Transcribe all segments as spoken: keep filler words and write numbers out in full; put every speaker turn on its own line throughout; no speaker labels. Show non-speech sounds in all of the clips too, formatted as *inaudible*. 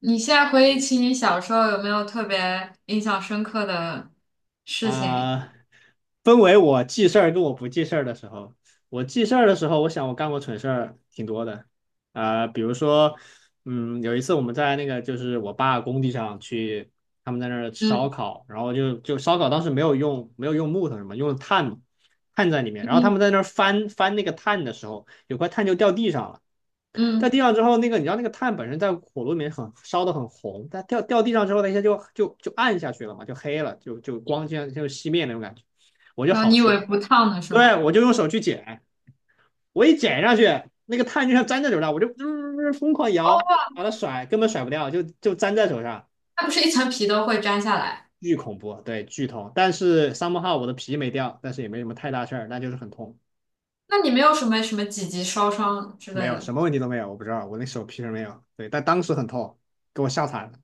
你现在回忆起你小时候，有没有特别印象深刻的事情？
啊、分为我记事儿跟我不记事儿的时候，我记事儿的时候，我想我干过蠢事儿挺多的。啊、比如说，嗯，有一次我们在那个就是我爸工地上去，他们在那儿吃烧
嗯
烤，然后就就烧烤当时没有用没有用木头什么，用炭嘛。炭在里面，然后他
嗯
们在那儿翻翻那个炭的时候，有块炭就掉地上了。在
嗯，
地上之后，那个你知道那个炭本身在火炉里面很烧的很红，但掉掉地上之后，那些就就就暗下去了嘛，就黑了，就就光这样就熄灭那种感觉。我就
然后
好
你以为
心，
不烫的是吗？
对，我就用手去捡，我一捡上去，那个炭就像粘在手上，我就、呃疯狂摇，把它甩，根本甩不掉，就就粘在手上，
它不是一层皮都会粘下来？
巨恐怖。对，巨痛。但是 somehow 我的皮没掉，但是也没什么太大事儿，那就是很痛。
那你没有什么什么几级烧伤之类
没有，
的？
什么问题都没有，我不知道，我那手皮是没有，对，但当时很痛，给我吓惨了。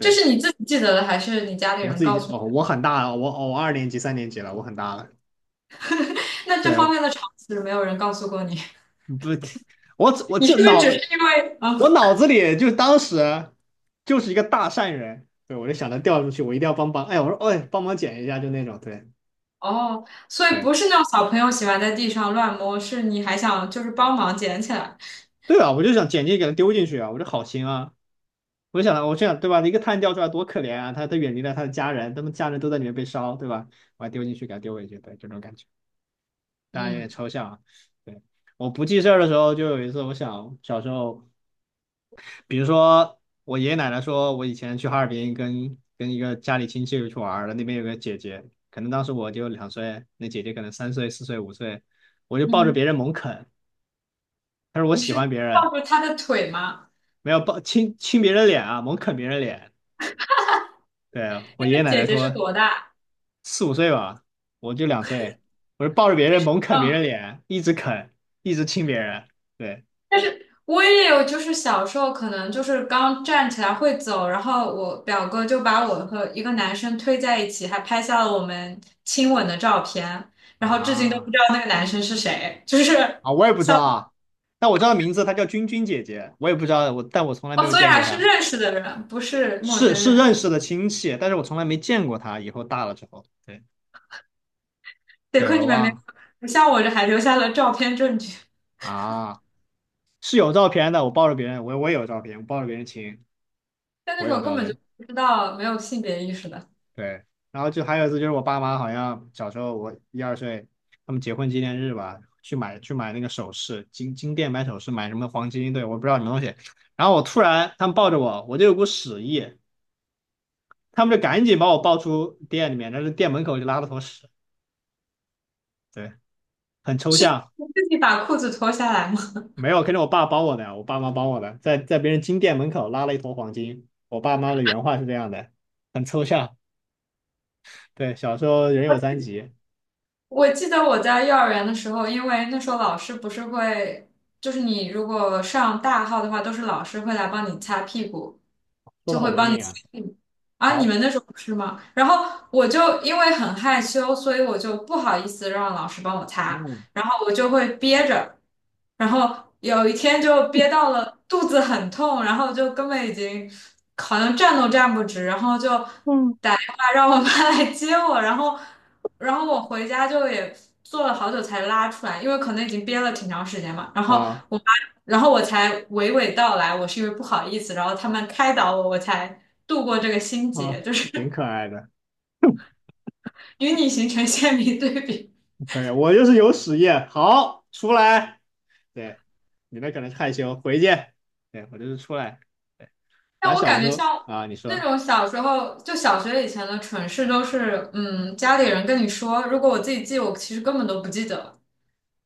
这是你自己记得的，还是你家里
我
人
自
告
己，
诉你？
哦，我很大了，我哦我二年级、三年级了，我很大了。
那这
对，
方面的常识没有人告诉过你。
不，我
*laughs*
我
你是
这
不是只是
脑，
因为
我
啊？
脑子里就当时就是一个大善人。对，我就想着掉出去，我一定要帮帮，哎，我说，哎，帮忙捡一下，就那种。对，
哦，所以
对，
不是那种小朋友喜欢在地上乱摸，是你还想就是帮忙捡起来？
对啊，我就想捡进去给他丢进去啊，我这好心啊。我就想，我这样对吧？一个碳掉出来多可怜啊！他他远离了他的家人，他们家人都在里面被烧，对吧？我还丢进去，给他丢回去，对，这种感觉。当然有点
嗯
抽象啊。对，我不记事儿的时候，就有一次，我想小时候，比如说我爷爷奶奶说，我以前去哈尔滨跟跟一个家里亲戚去玩儿了，那边有个姐姐，可能当时我就两岁，那姐姐可能三岁、四岁、五岁，我就抱着
嗯，
别人猛啃。她说我
你
喜
是
欢别
抱
人，
住他的腿吗？
没有，抱亲亲别人脸啊，猛啃别人脸。对，
那
我爷爷
个
奶
姐
奶
姐是
说
多大？
四五岁吧，我就两岁，我就抱着别人猛啃别
嗯，
人脸，一直啃，一直亲别人。对
我也有，就是小时候可能就是刚站起来会走，然后我表哥就把我和一个男生推在一起，还拍下了我们亲吻的照片，然后至今都不知
啊。
道那个男生是谁，就是
啊，我也不知道
像。
啊，但我知道名字，她叫君君姐姐，我也不知道，我但我从来没
哦，
有
所以
见
还
过
是
她，
认识的人，不是陌
是
生
是
人。
认识的亲戚，但是我从来没见过她。以后大了之后，对。
得
对，我
亏你
又
们没
忘了。
有，像我这还留下了照片证据，
啊，是有照片的，我抱着别人，我我也有照片，我抱着别人亲，
但那
我
时
也
候
有
根
照
本就
片，
不知道，没有性别意识的。
对。然后就还有一次就是我爸妈好像小时候我一二岁，他们结婚纪念日吧，去买去买那个首饰，金金店买首饰，买什么黄金，对，我不知道什么东西。然后我突然他们抱着我，我就有股屎意。他们就赶紧把我抱出店里面，但是店门口就拉了坨屎，对，很
*laughs*
抽
是
象。
自己把裤子脱下来吗？
没有，肯定我爸帮我的，我爸妈帮我的，在在别人金店门口拉了一坨黄金。我爸妈的原话是这样的，很抽象。对，小时候人有三急。
我记得我在幼儿园的时候，因为那时候老师不是会，就是你如果上大号的话，都是老师会来帮你擦屁股。
说的好文明啊。
嗯。啊，你
好，
们那时候不是吗？然后我就因为很害羞，所以我就不好意思让老师帮我擦，
嗯
然后我就会憋着，然后有一天就憋到了肚子很痛，然后就根本已经好像站都站不直，然后就
嗯
打电话让我妈来接我，然后。然后我回家就也做了好久才拉出来，因为可能已经憋了挺长时间嘛。然后
啊
我妈，然后我才娓娓道来，我是因为不好意思，然后他们开导我，我才度过这个心结，
啊，
就是
挺可爱的。
*laughs* 与你形成鲜明对比。
可以。我就是有屎液，好，出来。对，你那可能是害羞，回去。对，我就是出来。对，
但
咱
我
小
感
时
觉
候
像
啊，你
那
说。
种小时候，就小学以前的蠢事，都是嗯家里人跟你说，如果我自己记，我其实根本都不记得，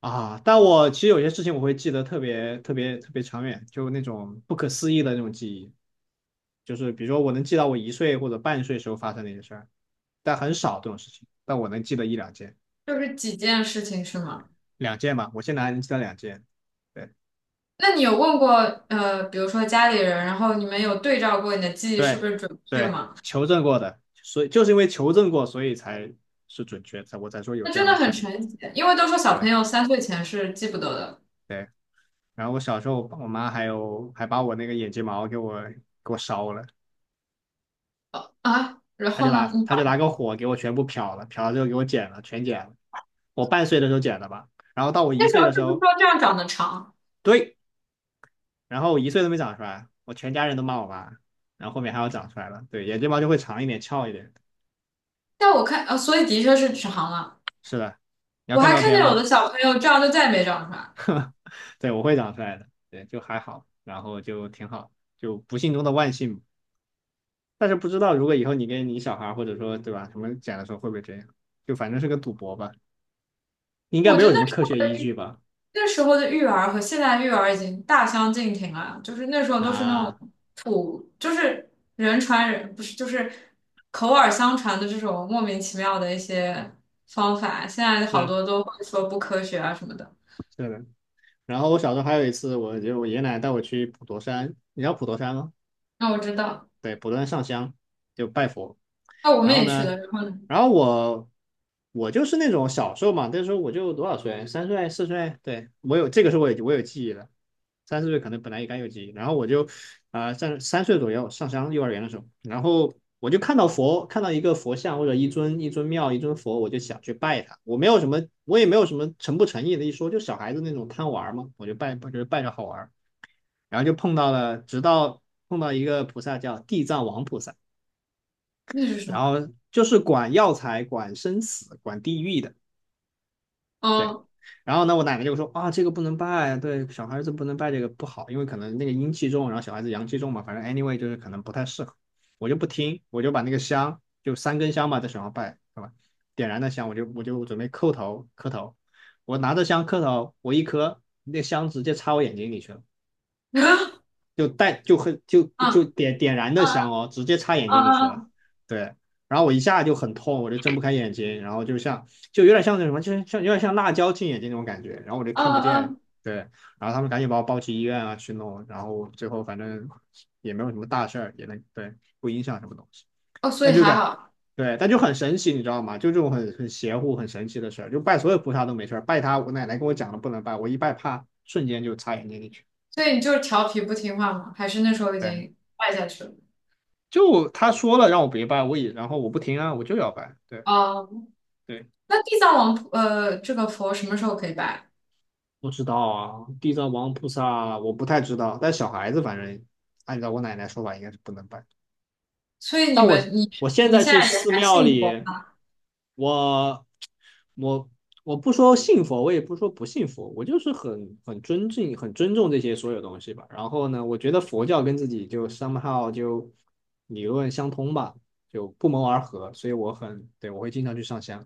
啊，但我其实有些事情我会记得特别特别特别长远，就那种不可思议的那种记忆，就是比如说我能记到我一岁或者半岁时候发生的一些事儿，但很少这种事情，但我能记得一两件。
就是几件事情是吗？
两件吧，我现在还能记得两件。对
那你有问过呃，比如说家里人，然后你们有对照过你的记忆是不
对
是准确
对，
吗？
求证过的，所以就是因为求证过，所以才是准确，才我才说有
那
这
真
样
的
的事
很
儿。
神奇，因为都说小朋
对
友三岁前是记不得的。
对，然后我小时候我妈还有还把我那个眼睫毛给我给我烧了。
呃啊，然
他就
后呢？
拿
你
他就拿个火给我全部漂了，漂了之后给我剪了，全剪了。我半岁的时候剪的吧，然后到我一
那时
岁
候
的时
是不是
候，
说这样长得长？
对，然后我一岁都没长出来，我全家人都骂我吧。然后后面还要长出来了，对，眼睫毛就会长一点，翘一点。
但我看，呃，所以的确是长了。
是的，你要
我
看
还
照
看
片
见有
吗？
的小朋友这样就再也没长出来。
对，我会长出来的，对，就还好，然后就挺好，就不幸中的万幸。但是不知道如果以后你跟你小孩或者说对吧什么剪的时候会不会这样，就反正是个赌博吧，应该
我
没
觉
有
得
什
那
么
时
科学依据吧？
那时候的育儿和现在育儿已经大相径庭了，就是那时候都是那
啊，
种，就是人传人，不是就是口耳相传的这种莫名其妙的一些方法，现在好
是
多都会说不科学啊什么的。
是的。然后我小时候还有一次，我就我爷爷奶奶带我去普陀山，你知道普陀山吗？
那我知道，
对，不断上香就拜佛。
那我们
然后
也去了，
呢，
然后呢？
然后我我就是那种小时候嘛，那时候我就多少岁，三岁四岁，对我有这个时候我有我有记忆了，三四岁可能本来也该有记忆，然后我就啊在、三岁左右上香幼儿园的时候，然后我就看到佛，看到一个佛像或者一尊一尊庙一尊佛，我就想去拜他，我没有什么我也没有什么诚不诚意的一说，就小孩子那种贪玩嘛，我就拜就是拜着好玩。然后就碰到了，直到碰到一个菩萨叫地藏王菩萨，
那是什么？
然后就是管药材、管生死、管地狱的，对。
哦。
然后呢，我奶奶就说啊，这个不能拜啊，对，小孩子不能拜这个不好，因为可能那个阴气重，然后小孩子阳气重嘛，反正 anyway 就是可能不太适合。我就不听，我就把那个香，就三根香嘛，在手上拜，是吧？点燃的香，我就我就准备叩头磕头，我拿着香磕头，我一磕，那香直接插我眼睛里去了。
*laughs* 嗯
就带就很就
嗯
就点点燃的
嗯
香哦，直接插眼睛里去了。
嗯
对，然后我一下就很痛，我就睁不开眼睛，然后就像就有点像那什么，就是像有点像辣椒进眼睛那种感觉，然后我就看不
嗯，
见。
嗯
对，然后他们赶紧把我抱去医院啊去弄，然后最后反正也没有什么大事儿，也能，对，不影响什么东西，
哦，所以
但就
还
感
好。
对，但就很神奇，你知道吗？就这种很很邪乎、很神奇的事儿，就拜所有菩萨都没事儿，拜他我奶奶跟我讲了不能拜，我一拜怕瞬间就插眼睛里去。
所以你就是调皮不听话吗？还是那时候已
对，
经拜下去了？
就他说了让我别拜，我也然后我不听啊，我就要拜。对
哦，
对，
那地藏王菩呃，这个佛什么时候可以拜？
不知道啊，地藏王菩萨我不太知道，但小孩子反正按照我奶奶说法应该是不能拜。
所以你
那我
们你
我现
你
在
现
去
在也
寺
还
庙
信佛
里，
吗？
我我我不说信佛，我也不说不信佛，我就是很很尊敬、很尊重这些所有东西吧。然后呢，我觉得佛教跟自己就 somehow 就理论相通吧，就不谋而合，所以我很，对，我会经常去上香。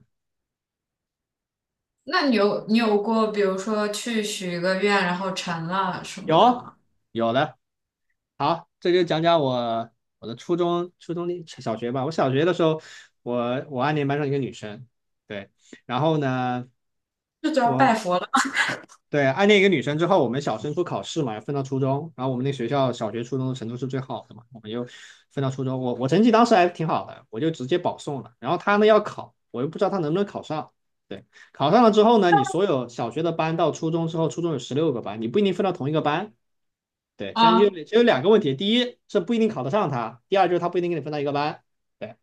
那你有你有过比如说去许一个愿然后成了什么的
有
吗？
有的，好，这就讲讲我我的初中、初中的小学吧。我小学的时候，我我暗恋班上一个女生。对。然后呢，
这就要拜
我
佛了
对，暗恋一个女生之后，我们小升初考试嘛，分到初中。然后我们那学校小学、初中的程度是最好的嘛，我们就分到初中。我我成绩当时还挺好的，我就直接保送了。然后她呢要考，我又不知道她能不能考上。对。考上了之后呢，你所有小学的班到初中之后，初中有十六个班，你不一定分到同一个班。对。现在
啊？
就就有两个问题，第一是不一定考得上他，第二就是他不一定跟你分到一个班。对。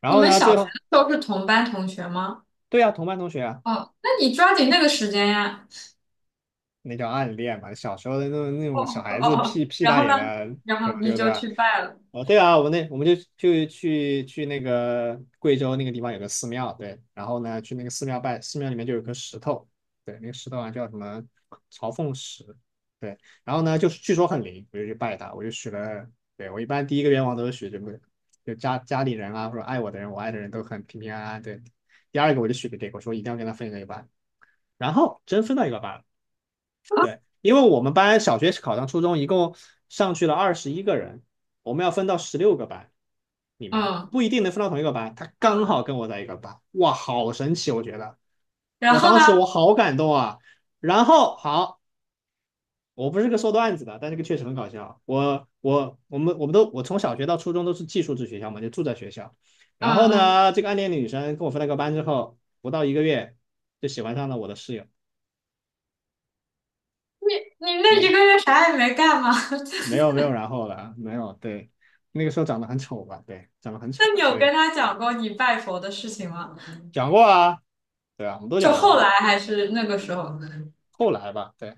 然
你
后
们
呢，
小
最
学的
后。
时候是同班同学吗？
对呀，同班同学啊。
哦，那你抓紧那个时间呀。
那叫暗恋嘛，小时候的那种那
哦
种小
哦
孩子
哦
屁
哦。*laughs*
屁
然
大
后呢？
点的
然
时候，
后你
就对
就
吧？
去拜了。
哦，对啊，我那我们就就去去那个贵州那个地方有个寺庙。对。然后呢去那个寺庙拜，寺庙里面就有颗石头。对。那个石头啊叫什么朝凤石。对。然后呢就是据说很灵，我就去拜它，我就许了。对，我一般第一个愿望都是许这个，就家家里人啊或者爱我的人，我爱的人都很平平安安。对。第二个我就许给这个，我说一定要跟他分一个班，然后真分到一个班了。对。因为我们班小学考上初中一共上去了二十一个人，我们要分到十六个班里面，
嗯
不一定能分到同一个班。他刚
嗯，
好跟我在一个班。哇，好神奇！我觉得，
然
我
后
当
呢？
时我好感动啊。然后好，我不是个说段子的，但这个确实很搞笑。我我我们我们都我从小学到初中都是寄宿制学校嘛，就住在学校。然后
嗯嗯，
呢，这个暗恋的女生跟我分了个班之后，不到一个月就喜欢上了我的室友。
你你那
没
一
有，
个月啥也没干吗？*laughs*
没有没有然后了，没有。对。那个时候长得很丑吧。对，长得很
那
丑，
你有
所以
跟他讲过你拜佛的事情吗？
讲过啊。对啊，我们都
就
讲
后
过。
来还是那个时候？
后来吧，对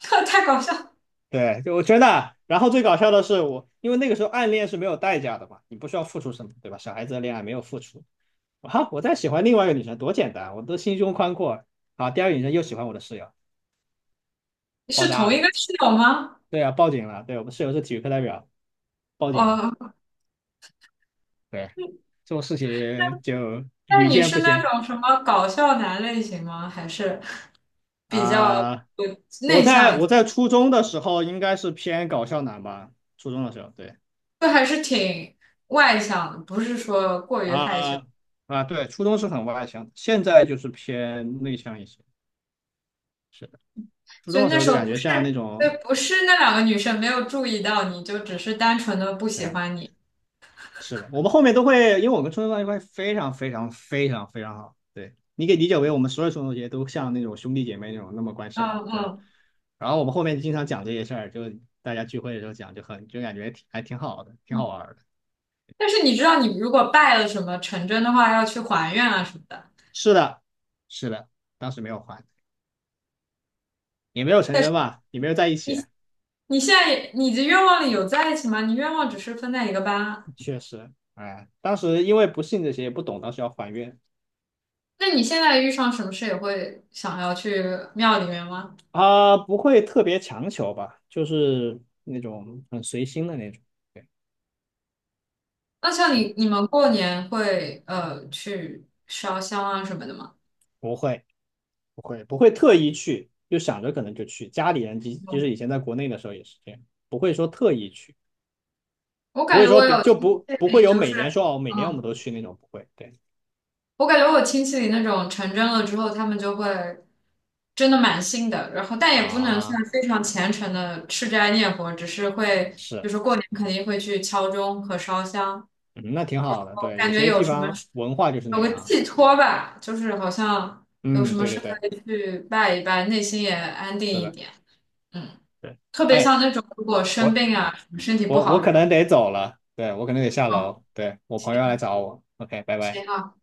*laughs* 太搞笑！
对，就我真的。然后最搞笑的是我，因为那个时候暗恋是没有代价的嘛，你不需要付出什么，对吧？小孩子的恋爱没有付出。啊，我在喜欢另外一个女生多简单，我都心胸宽阔。啊，第二个女生又喜欢我的室友。爆
是
炸
同一
了。
个室友吗？
对啊，报警了。对，我们室友是体育课代表，报警了。
哦，
对，这种事情就
那
屡
你
见
是
不
那
鲜。
种什么搞笑男类型吗？还是比较
啊、呃
呃
我
内向
在
一
我
些？
在初中的时候应该是偏搞笑男吧，初中的时候。对，
就还是挺外向的，不是说过于害羞。
啊啊，对，初中是很外向，现在就是偏内向一些。是的，初
所
中
以
的时
那
候
时
就
候
感
不
觉像那
是，对，
种。
不是那两个女生没有注意到你，就只是单纯的不
对
喜
呀，
欢你。
是的，我们后面都会，因为我跟初中关系关非常非常非常非常好。对，你可以理解为我们所有初中同学都像那种兄弟姐妹那种那么关
嗯
系好。对。
嗯
然后我们后面经常讲这些事儿，就大家聚会的时候讲，就很就感觉挺还挺好的，挺
嗯。
好玩儿的。
但是你知道，你如果拜了什么成真的话，要去还愿啊什么的。
是的，是的，当时没有还，也没有成
但是
真吧，也没有在一起。
你你现在也你的愿望里有在一起吗？你愿望只是分在一个班啊。
确实。哎，当时因为不信这些，也不懂，当时要还愿
那你现在遇上什么事也会想要去庙里面吗？
啊，不会特别强求吧，就是那种很随心的那种。对。
那像
是，
你你们过年会呃去烧香啊什么的吗？
不会，不会不会特意去，就想着可能就去，家里人即即使
嗯
以前在国内的时候也是这样，不会说特意去，
我
不
感
会
觉
说
我
别
有自
就不不
己
会有
就
每
是。
年说哦，每年我
嗯。
们都去那种。不会。对
我感觉我亲戚里那种成真了之后，他们就会真的蛮信的，然后但也不能算
啊，
非常虔诚的吃斋念佛，只是会，就
是。
是过年肯定会去敲钟和烧香，
嗯那挺好的。
我
对，
感
有
觉
些
有
地
什么
方文化就是那
有个
样。
寄托吧，就是好像有什
嗯，
么
对
事
对对，
可以去拜一拜，内心也安定
是
一
的。
点。嗯，
对。
特别
哎，
像那种如果生
我
病啊，身体不
我我
好这
可
种。
能得走了。对，我可能得下
哦。
楼。对，我朋友要来
行。
找我。OK,拜拜。
行好。